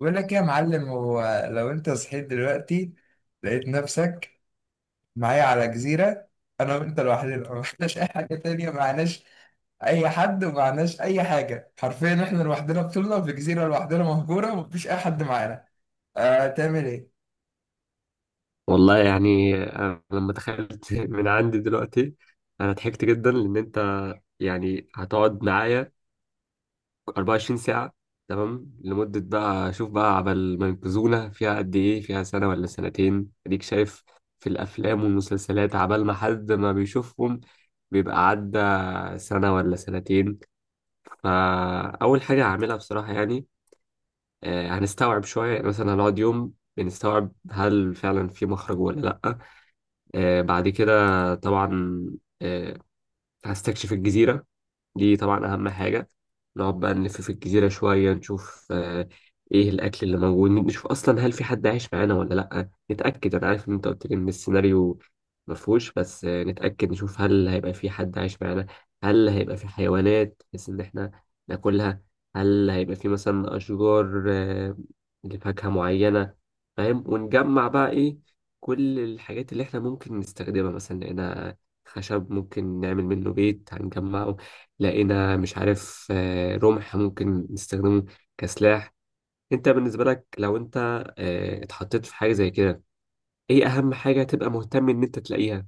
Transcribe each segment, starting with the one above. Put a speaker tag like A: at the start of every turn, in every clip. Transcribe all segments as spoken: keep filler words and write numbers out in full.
A: بقول لك إيه يا معلم؟ هو لو انت صحيت دلوقتي لقيت نفسك معايا على جزيرة، انا وانت لوحدنا، ما فيناش اي حاجة تانية، معناش اي حد ومعناش اي حاجة، حرفيا احنا لوحدنا بطولنا في جزيرة لوحدنا مهجورة ومفيش اي حد معانا. آه، تعمل ايه؟
B: والله يعني أنا لما تخيلت من عندي دلوقتي أنا ضحكت جدا لأن أنت يعني هتقعد معايا 24 ساعة. تمام لمدة بقى شوف بقى عبال ما ينقذونا فيها قد إيه، فيها سنة ولا سنتين؟ أديك شايف في الأفلام والمسلسلات عبال ما حد ما بيشوفهم بيبقى عدى سنة ولا سنتين. فأول حاجة هعملها بصراحة يعني آه، هنستوعب شوية، يعني مثلا هنقعد يوم بنستوعب هل فعلا في مخرج ولا لأ. آه، بعد كده طبعا آه، هستكشف الجزيرة دي طبعا أهم حاجة. نقعد بقى نلف في الجزيرة شوية نشوف آه، إيه الأكل اللي موجود، نشوف أصلا هل في حد عايش معانا ولا لأ، نتأكد. أنا عارف إن أنت قلت لي إن السيناريو مفهوش، بس آه، نتأكد نشوف هل هيبقى في حد عايش معانا، هل هيبقى في حيوانات بحيث إن إحنا ناكلها، هل هيبقى في مثلا أشجار آه، لفاكهة معينة، فاهم؟ ونجمع بقى إيه كل الحاجات اللي إحنا ممكن نستخدمها، مثلا لقينا خشب ممكن نعمل منه بيت هنجمعه، لقينا مش عارف آه، رمح ممكن نستخدمه كسلاح. انت بالنسبة لك لو انت آه، اتحطيت في حاجة زي كده، ايه اهم حاجة تبقى مهتم ان انت تلاقيها؟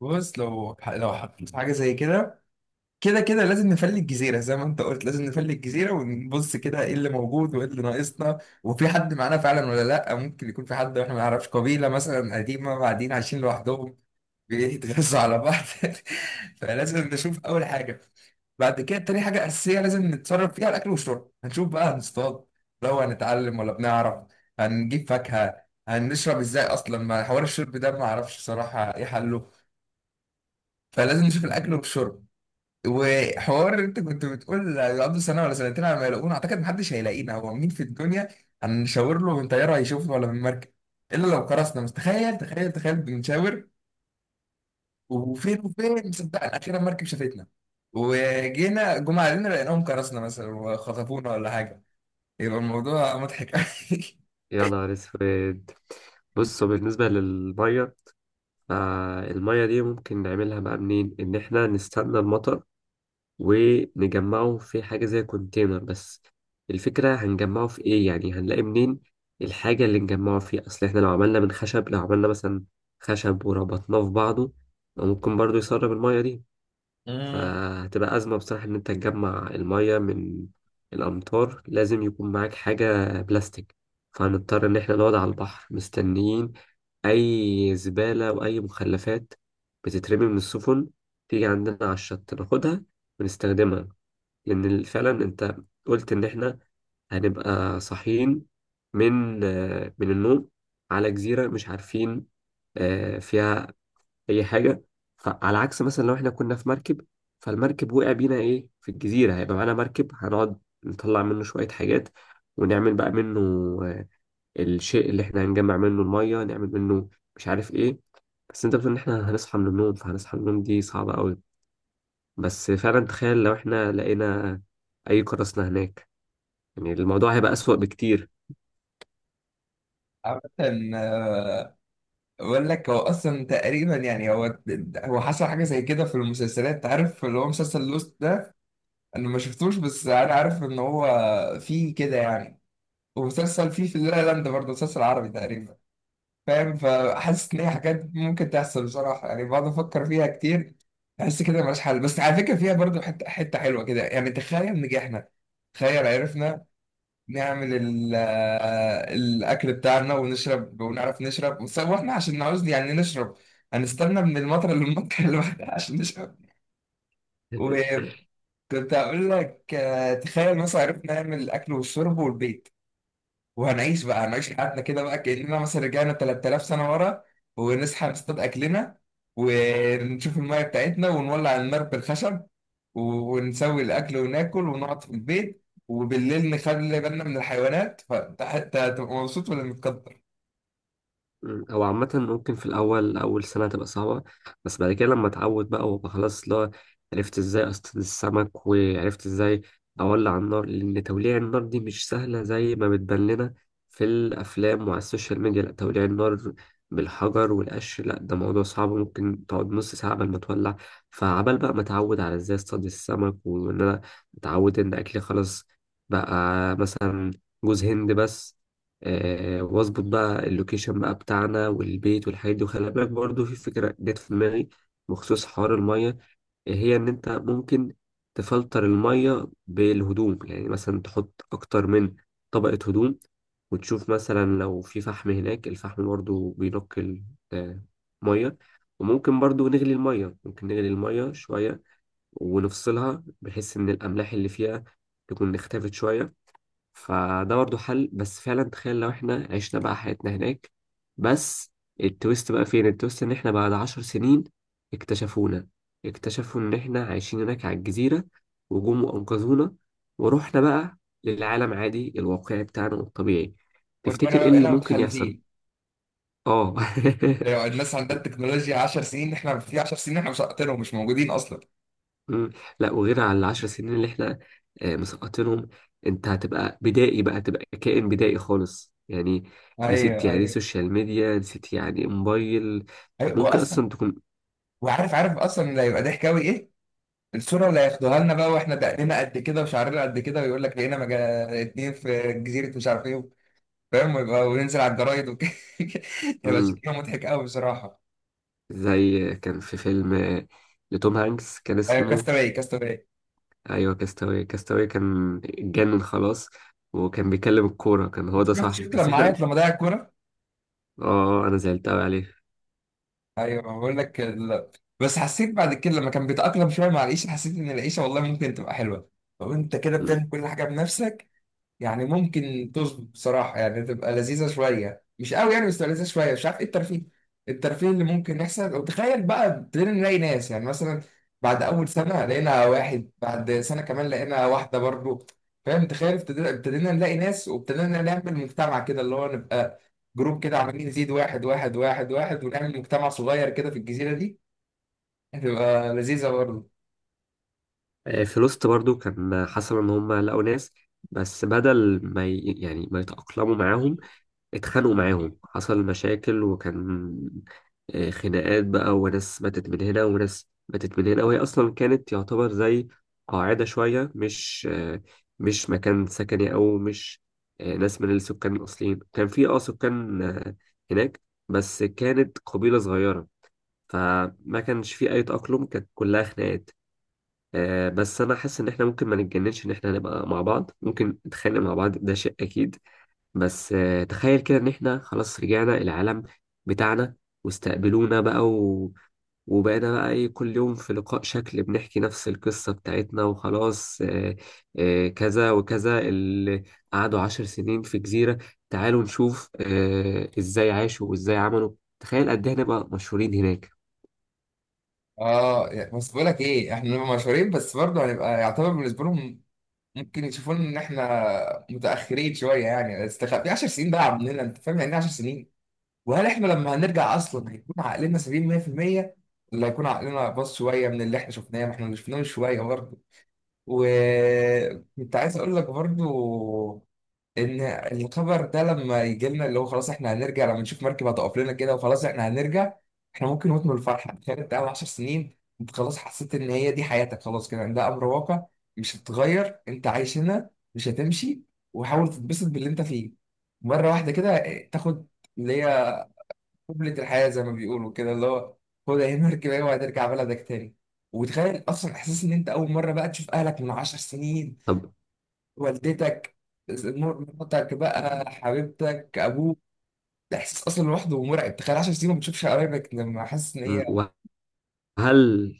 A: بص، لو لو حطيت في حاجة زي كده كده كده لازم نفلي الجزيرة زي ما انت قلت، لازم نفلي الجزيرة ونبص كده ايه اللي موجود وايه اللي ناقصنا، وفي حد معانا فعلا ولا لا. ممكن يكون في حد واحنا ما نعرفش، قبيلة مثلا قديمة قاعدين عايشين لوحدهم بيتغذوا على بعض. فلازم نشوف أول حاجة. بعد كده، تاني حاجة أساسية لازم نتصرف فيها، الأكل والشرب. هنشوف بقى هنصطاد لو هنتعلم ولا بنعرف، هنجيب فاكهة، هنشرب ازاي أصلا؟ ما حوار الشرب ده ما أعرفش صراحة ايه حله. فلازم نشوف الأكل والشرب. وحوار انت كنت بتقول يقعدوا سنه ولا سنتين على ما يلاقونا، اعتقد محدش هيلاقينا. هو مين في الدنيا هنشاور له من طياره هيشوفنا ولا من مركب؟ الا لو كرسنا. بس تخيل، تخيل تخيل بنشاور وفين وفين صدقنا اخيرا مركب شافتنا، وجينا جم علينا لقيناهم كرسنا مثلا وخطفونا ولا حاجه، يبقى الموضوع مضحك قوي.
B: يا نهار اسود. بص بالنسبة للمية، فالمية دي ممكن نعملها بقى منين؟ ان احنا نستنى المطر ونجمعه في حاجة زي كونتينر، بس الفكرة هنجمعه في ايه؟ يعني هنلاقي منين الحاجة اللي نجمعه فيه؟ اصل احنا لو عملنا من خشب، لو عملنا مثلا خشب وربطناه في بعضه ممكن برضو يسرب المية دي.
A: مم.
B: فهتبقى أزمة بصراحة إن أنت تجمع المية من الأمطار، لازم يكون معاك حاجة بلاستيك. فهنضطر إن احنا نقعد على البحر مستنيين أي زبالة وأي مخلفات بتترمي من السفن تيجي عندنا على الشط، ناخدها ونستخدمها. لأن ال- فعلا أنت قلت إن إحنا هنبقى صاحيين من آه، من النوم على جزيرة مش عارفين آه، فيها أي حاجة. فعلى عكس مثلا لو إحنا كنا في مركب فالمركب وقع بينا إيه في الجزيرة، هيبقى معانا مركب هنقعد نطلع منه شوية حاجات، ونعمل بقى منه آه، الشيء اللي إحنا هنجمع منه المية، نعمل منه مش عارف إيه. بس أنت بتقول إن إحنا هنصحى من النوم، فهنصحى من النوم دي صعبة أوي. بس فعلا تخيل لو إحنا لقينا أي قراصنة هناك، يعني الموضوع هيبقى أسوأ بكتير.
A: عامة، آه، بقول لك، هو أصلا تقريبا يعني هو هو حصل حاجة زي كده في المسلسلات، عارف اللي هو مسلسل لوست ده؟ انا ما شفتوش بس انا عارف ان هو فيه كده يعني. ومسلسل فيه في لا لاند برضه، مسلسل عربي تقريبا، فاهم؟ فحاسس ان هي حاجات ممكن تحصل بصراحه، يعني بقعد افكر فيها كتير. احس كده ملهاش حل، بس على فكره فيها برضه حته حته حلوه كده. يعني تخيل نجحنا، تخيل عرفنا نعمل ال- آه، الاكل بتاعنا ونشرب، ونعرف نشرب. بس هو احنا عشان نعوز يعني نشرب هنستنى من المطر للمطر اللي بعدها عشان نشرب. كنت هقول لك، آه، تخيل مثلا عرفنا نعمل الاكل والشرب والبيت، وهنعيش بقى، هنعيش حياتنا كده بقى كاننا مثلا رجعنا تلات تلاف سنة سنه ورا، ونصحى نصطاد اكلنا، ونشوف الميه بتاعتنا، ونولع النار بالخشب، و- ونسوي الاكل وناكل ونقعد في البيت، وبالليل نخلي بالنا من الحيوانات. فانت حتى هتبقى مبسوط ولا متقدر؟
B: مم. هو عامة ممكن في الأول أول سنة تبقى صعبة، بس بعد كده لما أتعود بقى وأبقى خلاص لا، عرفت إزاي أصطاد السمك وعرفت إزاي أولع النار، لأن توليع النار دي مش سهلة زي ما بتبان لنا في الأفلام وعلى السوشيال ميديا. لأ، توليع النار بالحجر والقش، لأ ده موضوع صعب، ممكن تقعد نص ساعة قبل ما تولع. فعبال بقى ما أتعود على إزاي أصطاد السمك وإن أنا أتعود إن أكلي خلاص بقى مثلا جوز هند بس، آه، واظبط بقى اللوكيشن بقى بتاعنا والبيت والحاجات دي. وخلي بالك برضه في فكرة جت في دماغي بخصوص حوار المية، آه، هي إن أنت ممكن تفلتر المية بالهدوم، يعني مثلا تحط أكتر من طبقة هدوم وتشوف مثلا لو في فحم هناك، الفحم برضه بينقي المية. وممكن برضه نغلي المية، ممكن نغلي المية شوية ونفصلها بحيث إن الأملاح اللي فيها تكون اختفت شوية. فده برضه حل. بس فعلا تخيل لو احنا عشنا بقى حياتنا هناك بس. التويست بقى فين؟ التويست ان احنا بعد عشر سنين اكتشفونا، اكتشفوا ان احنا عايشين هناك على الجزيرة، وجم وانقذونا ورحنا بقى للعالم عادي الواقعي بتاعنا الطبيعي.
A: وربنا
B: تفتكر
A: بقى
B: ايه اللي
A: بقينا
B: ممكن يحصل؟
A: متخلفين.
B: اه.
A: يعني الناس عندها التكنولوجيا 10 سنين، احنا في 10 سنين احنا مش هقتلهم، مش موجودين اصلا.
B: مم. لا، وغير على العشر سنين اللي احنا آه، مسقطينهم، انت هتبقى بدائي بقى، تبقى كائن بدائي خالص يعني. نسيت
A: ايوه،
B: يعني ايه
A: ايوه،
B: سوشيال ميديا، نسيت يعني ايه موبايل.
A: ايوه،
B: ممكن
A: واصلا
B: اصلا تكون
A: وعارف عارف اصلا اللي هيبقى ضحك قوي ايه، الصوره اللي هياخدوها لنا بقى واحنا دقنا قد كده وشعرنا قد كده، ويقول لك لقينا مجا... اتنين في جزيره مش عارف ايه، فاهم؟ ويبقى وننزل على الجرايد وكده. هيبقى
B: مم.
A: شكله مضحك قوي بصراحه.
B: زي كان في فيلم آه، لتوم هانكس كان
A: ايوه،
B: اسمه.
A: كاستاوي كاستاوي.
B: ايوه، كاستاوي كاستاوي كان اتجنن خلاص، وكان بيكلم الكورة كان هو ده
A: شفت
B: صاحبه،
A: شفت
B: بس
A: لما
B: احنا
A: عيط لما ضيع الكوره؟
B: اه آه، انا زعلت قوي عليه.
A: ايوه، بقول لك ال... بس حسيت بعد كده لما كان بيتاقلم شويه مع العيشه، حسيت ان العيشه والله ممكن تبقى حلوه لو انت كده بتعمل كل حاجه بنفسك. يعني ممكن تظبط بصراحة، يعني تبقى لذيذة شوية، مش قوي يعني بس تبقى لذيذة شوية. مش عارف ايه الترفيه، الترفيه اللي ممكن يحصل. وتخيل بقى ابتدينا نلاقي ناس، يعني مثلا بعد أول سنة لقينا واحد، بعد سنة كمان لقينا واحدة برضو، فاهم؟ تخيل ابتدينا ابتدينا نلاقي ناس، وابتدينا نعمل مجتمع كده، اللي هو نبقى جروب كده عمالين نزيد واحد واحد واحد واحد، ونعمل مجتمع صغير كده في الجزيرة دي، هتبقى لذيذة برضو.
B: آه، في لوست برضو كان حصل ان هم لقوا ناس، بس بدل ما ي... يعني ما يتأقلموا معاهم، اتخانقوا معاهم، حصل مشاكل. وكان آه، خناقات بقى وناس ماتت من هنا وناس ماتت من هنا. وهي اصلا كانت يعتبر زي قاعدة شوية، مش آه، مش مكان سكني، او مش آه، ناس من السكان الاصليين. كان في اه سكان آه، هناك بس كانت قبيلة صغيرة، فما كانش في اي تأقلم، كانت كلها خناقات. آه، بس انا حاسس ان احنا ممكن ما نتجننش، ان احنا نبقى مع بعض ممكن نتخانق مع بعض ده شيء اكيد. بس آه، تخيل كده ان احنا خلاص رجعنا العالم بتاعنا، واستقبلونا بقى و... وبقينا بقى ايه، كل يوم في لقاء شكل بنحكي نفس القصة بتاعتنا، وخلاص آه، آه، كذا وكذا، اللي قعدوا عشر سنين في جزيرة، تعالوا نشوف آه، ازاي عاشوا وازاي عملوا. تخيل قد ايه هنبقى مشهورين هناك.
A: اه، يعني بس بقول لك ايه، احنا نبقى مشهورين بس برضه هنبقى يعتبر بالنسبه لهم ممكن يشوفون ان احنا متاخرين شويه. يعني استخ- في 10 سنين بقى عندنا، انت فاهم يعني إيه 10 سنين؟ وهل احنا لما هنرجع اصلا هيكون عقلنا سليم مية في المية، ولا هيكون عقلنا باظ شويه من اللي احنا شفناه؟ ما احنا اللي شفناه من شويه برضه. وكنت عايز اقول لك برضه، ان الخبر ده لما يجي لنا، اللي هو خلاص احنا هنرجع، لما نشوف مركب هتقف لنا كده وخلاص احنا هنرجع، احنا ممكن نموت من الفرحه. تخيل انت قاعد 10 سنين، انت خلاص حسيت ان هي دي حياتك، خلاص كده، ده امر واقع، مش هتتغير، انت عايش هنا مش هتمشي، وحاول تتبسط باللي انت فيه، مره واحده كده اه، تاخد اللي هي قبلة الحياه زي ما بيقولوا، كده اللي هو خد اهي مركب اهي وهترجع بلدك تاني. وتخيل اصلا احساس ان انت اول مره بقى تشوف اهلك من 10 سنين،
B: طب
A: والدتك، مراتك بقى، حبيبتك، ابوك، ده احساس اصلا لوحده مرعب. تخيل 10 سنين ما بتشوفش قرايبك، لما حاسس ان هي.
B: م، وهل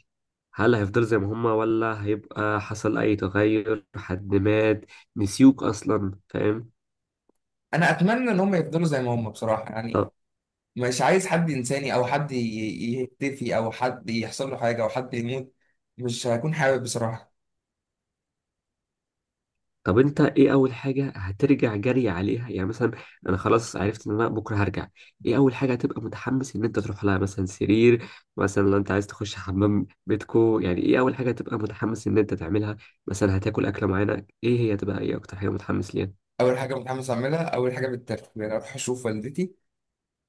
B: هل هيفضل زي ما هما، ولا هيبقى حصل أي تغير، حد مات، نسيوك أصلا، فاهم؟
A: انا اتمنى ان هم يفضلوا زي ما هم بصراحه، يعني
B: طب
A: مش عايز حد ينساني او حد ي- ي- يختفي او حد يحصل له حاجه او حد يموت، مش هكون حابب بصراحه.
B: طب أنت إيه أول حاجة هترجع جري عليها؟ يعني مثلا أنا خلاص عرفت إن أنا بكرة هرجع، إيه أول حاجة هتبقى متحمس إن أنت تروح لها؟ مثلا سرير، مثلا لو أنت عايز تخش حمام بيتكو، يعني إيه أول حاجة هتبقى متحمس إن أنت تعملها؟ مثلا هتاكل أكلة معينة، إيه هي، تبقى إيه أكتر حاجة متحمس ليها؟
A: اول حاجه متحمس اعملها، اول حاجه بالترتيب، يعني اروح اشوف والدتي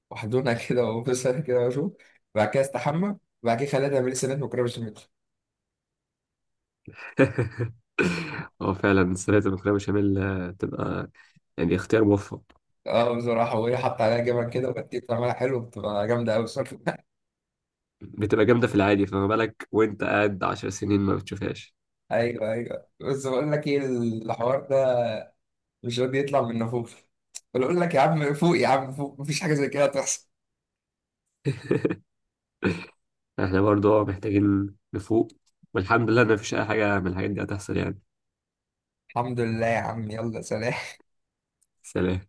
A: واحضنها كده وابوسها كده واشوف. بعد كده استحمى. بعد كده خليها تعمل لي سنات مكرونه بشاميل.
B: هو فعلا سلطة المكرونة بشاميل آه، تبقى يعني اختيار موفق.
A: اه بصراحة، وهي حط عليها جبن كده، وبتبقى بتعملها حلو، بتبقى جامدة أوي بصراحة.
B: بتبقى جامدة في العادي، فما بالك وانت قاعد عشر سنين ما بتشوفهاش.
A: أيوه، أيوه، بس بقول لك إيه، الحوار ده مش راضي يطلع من نفوف. بقول لك يا عم فوق، يا عم فوق، مفيش حاجة زي كده تحصل.
B: احنا برضو اه محتاجين نفوق، والحمد لله ان مفيش اي حاجة من الحاجات دي هتحصل يعني.
A: الحمد لله يا عم، يلا سلام.
B: سلام.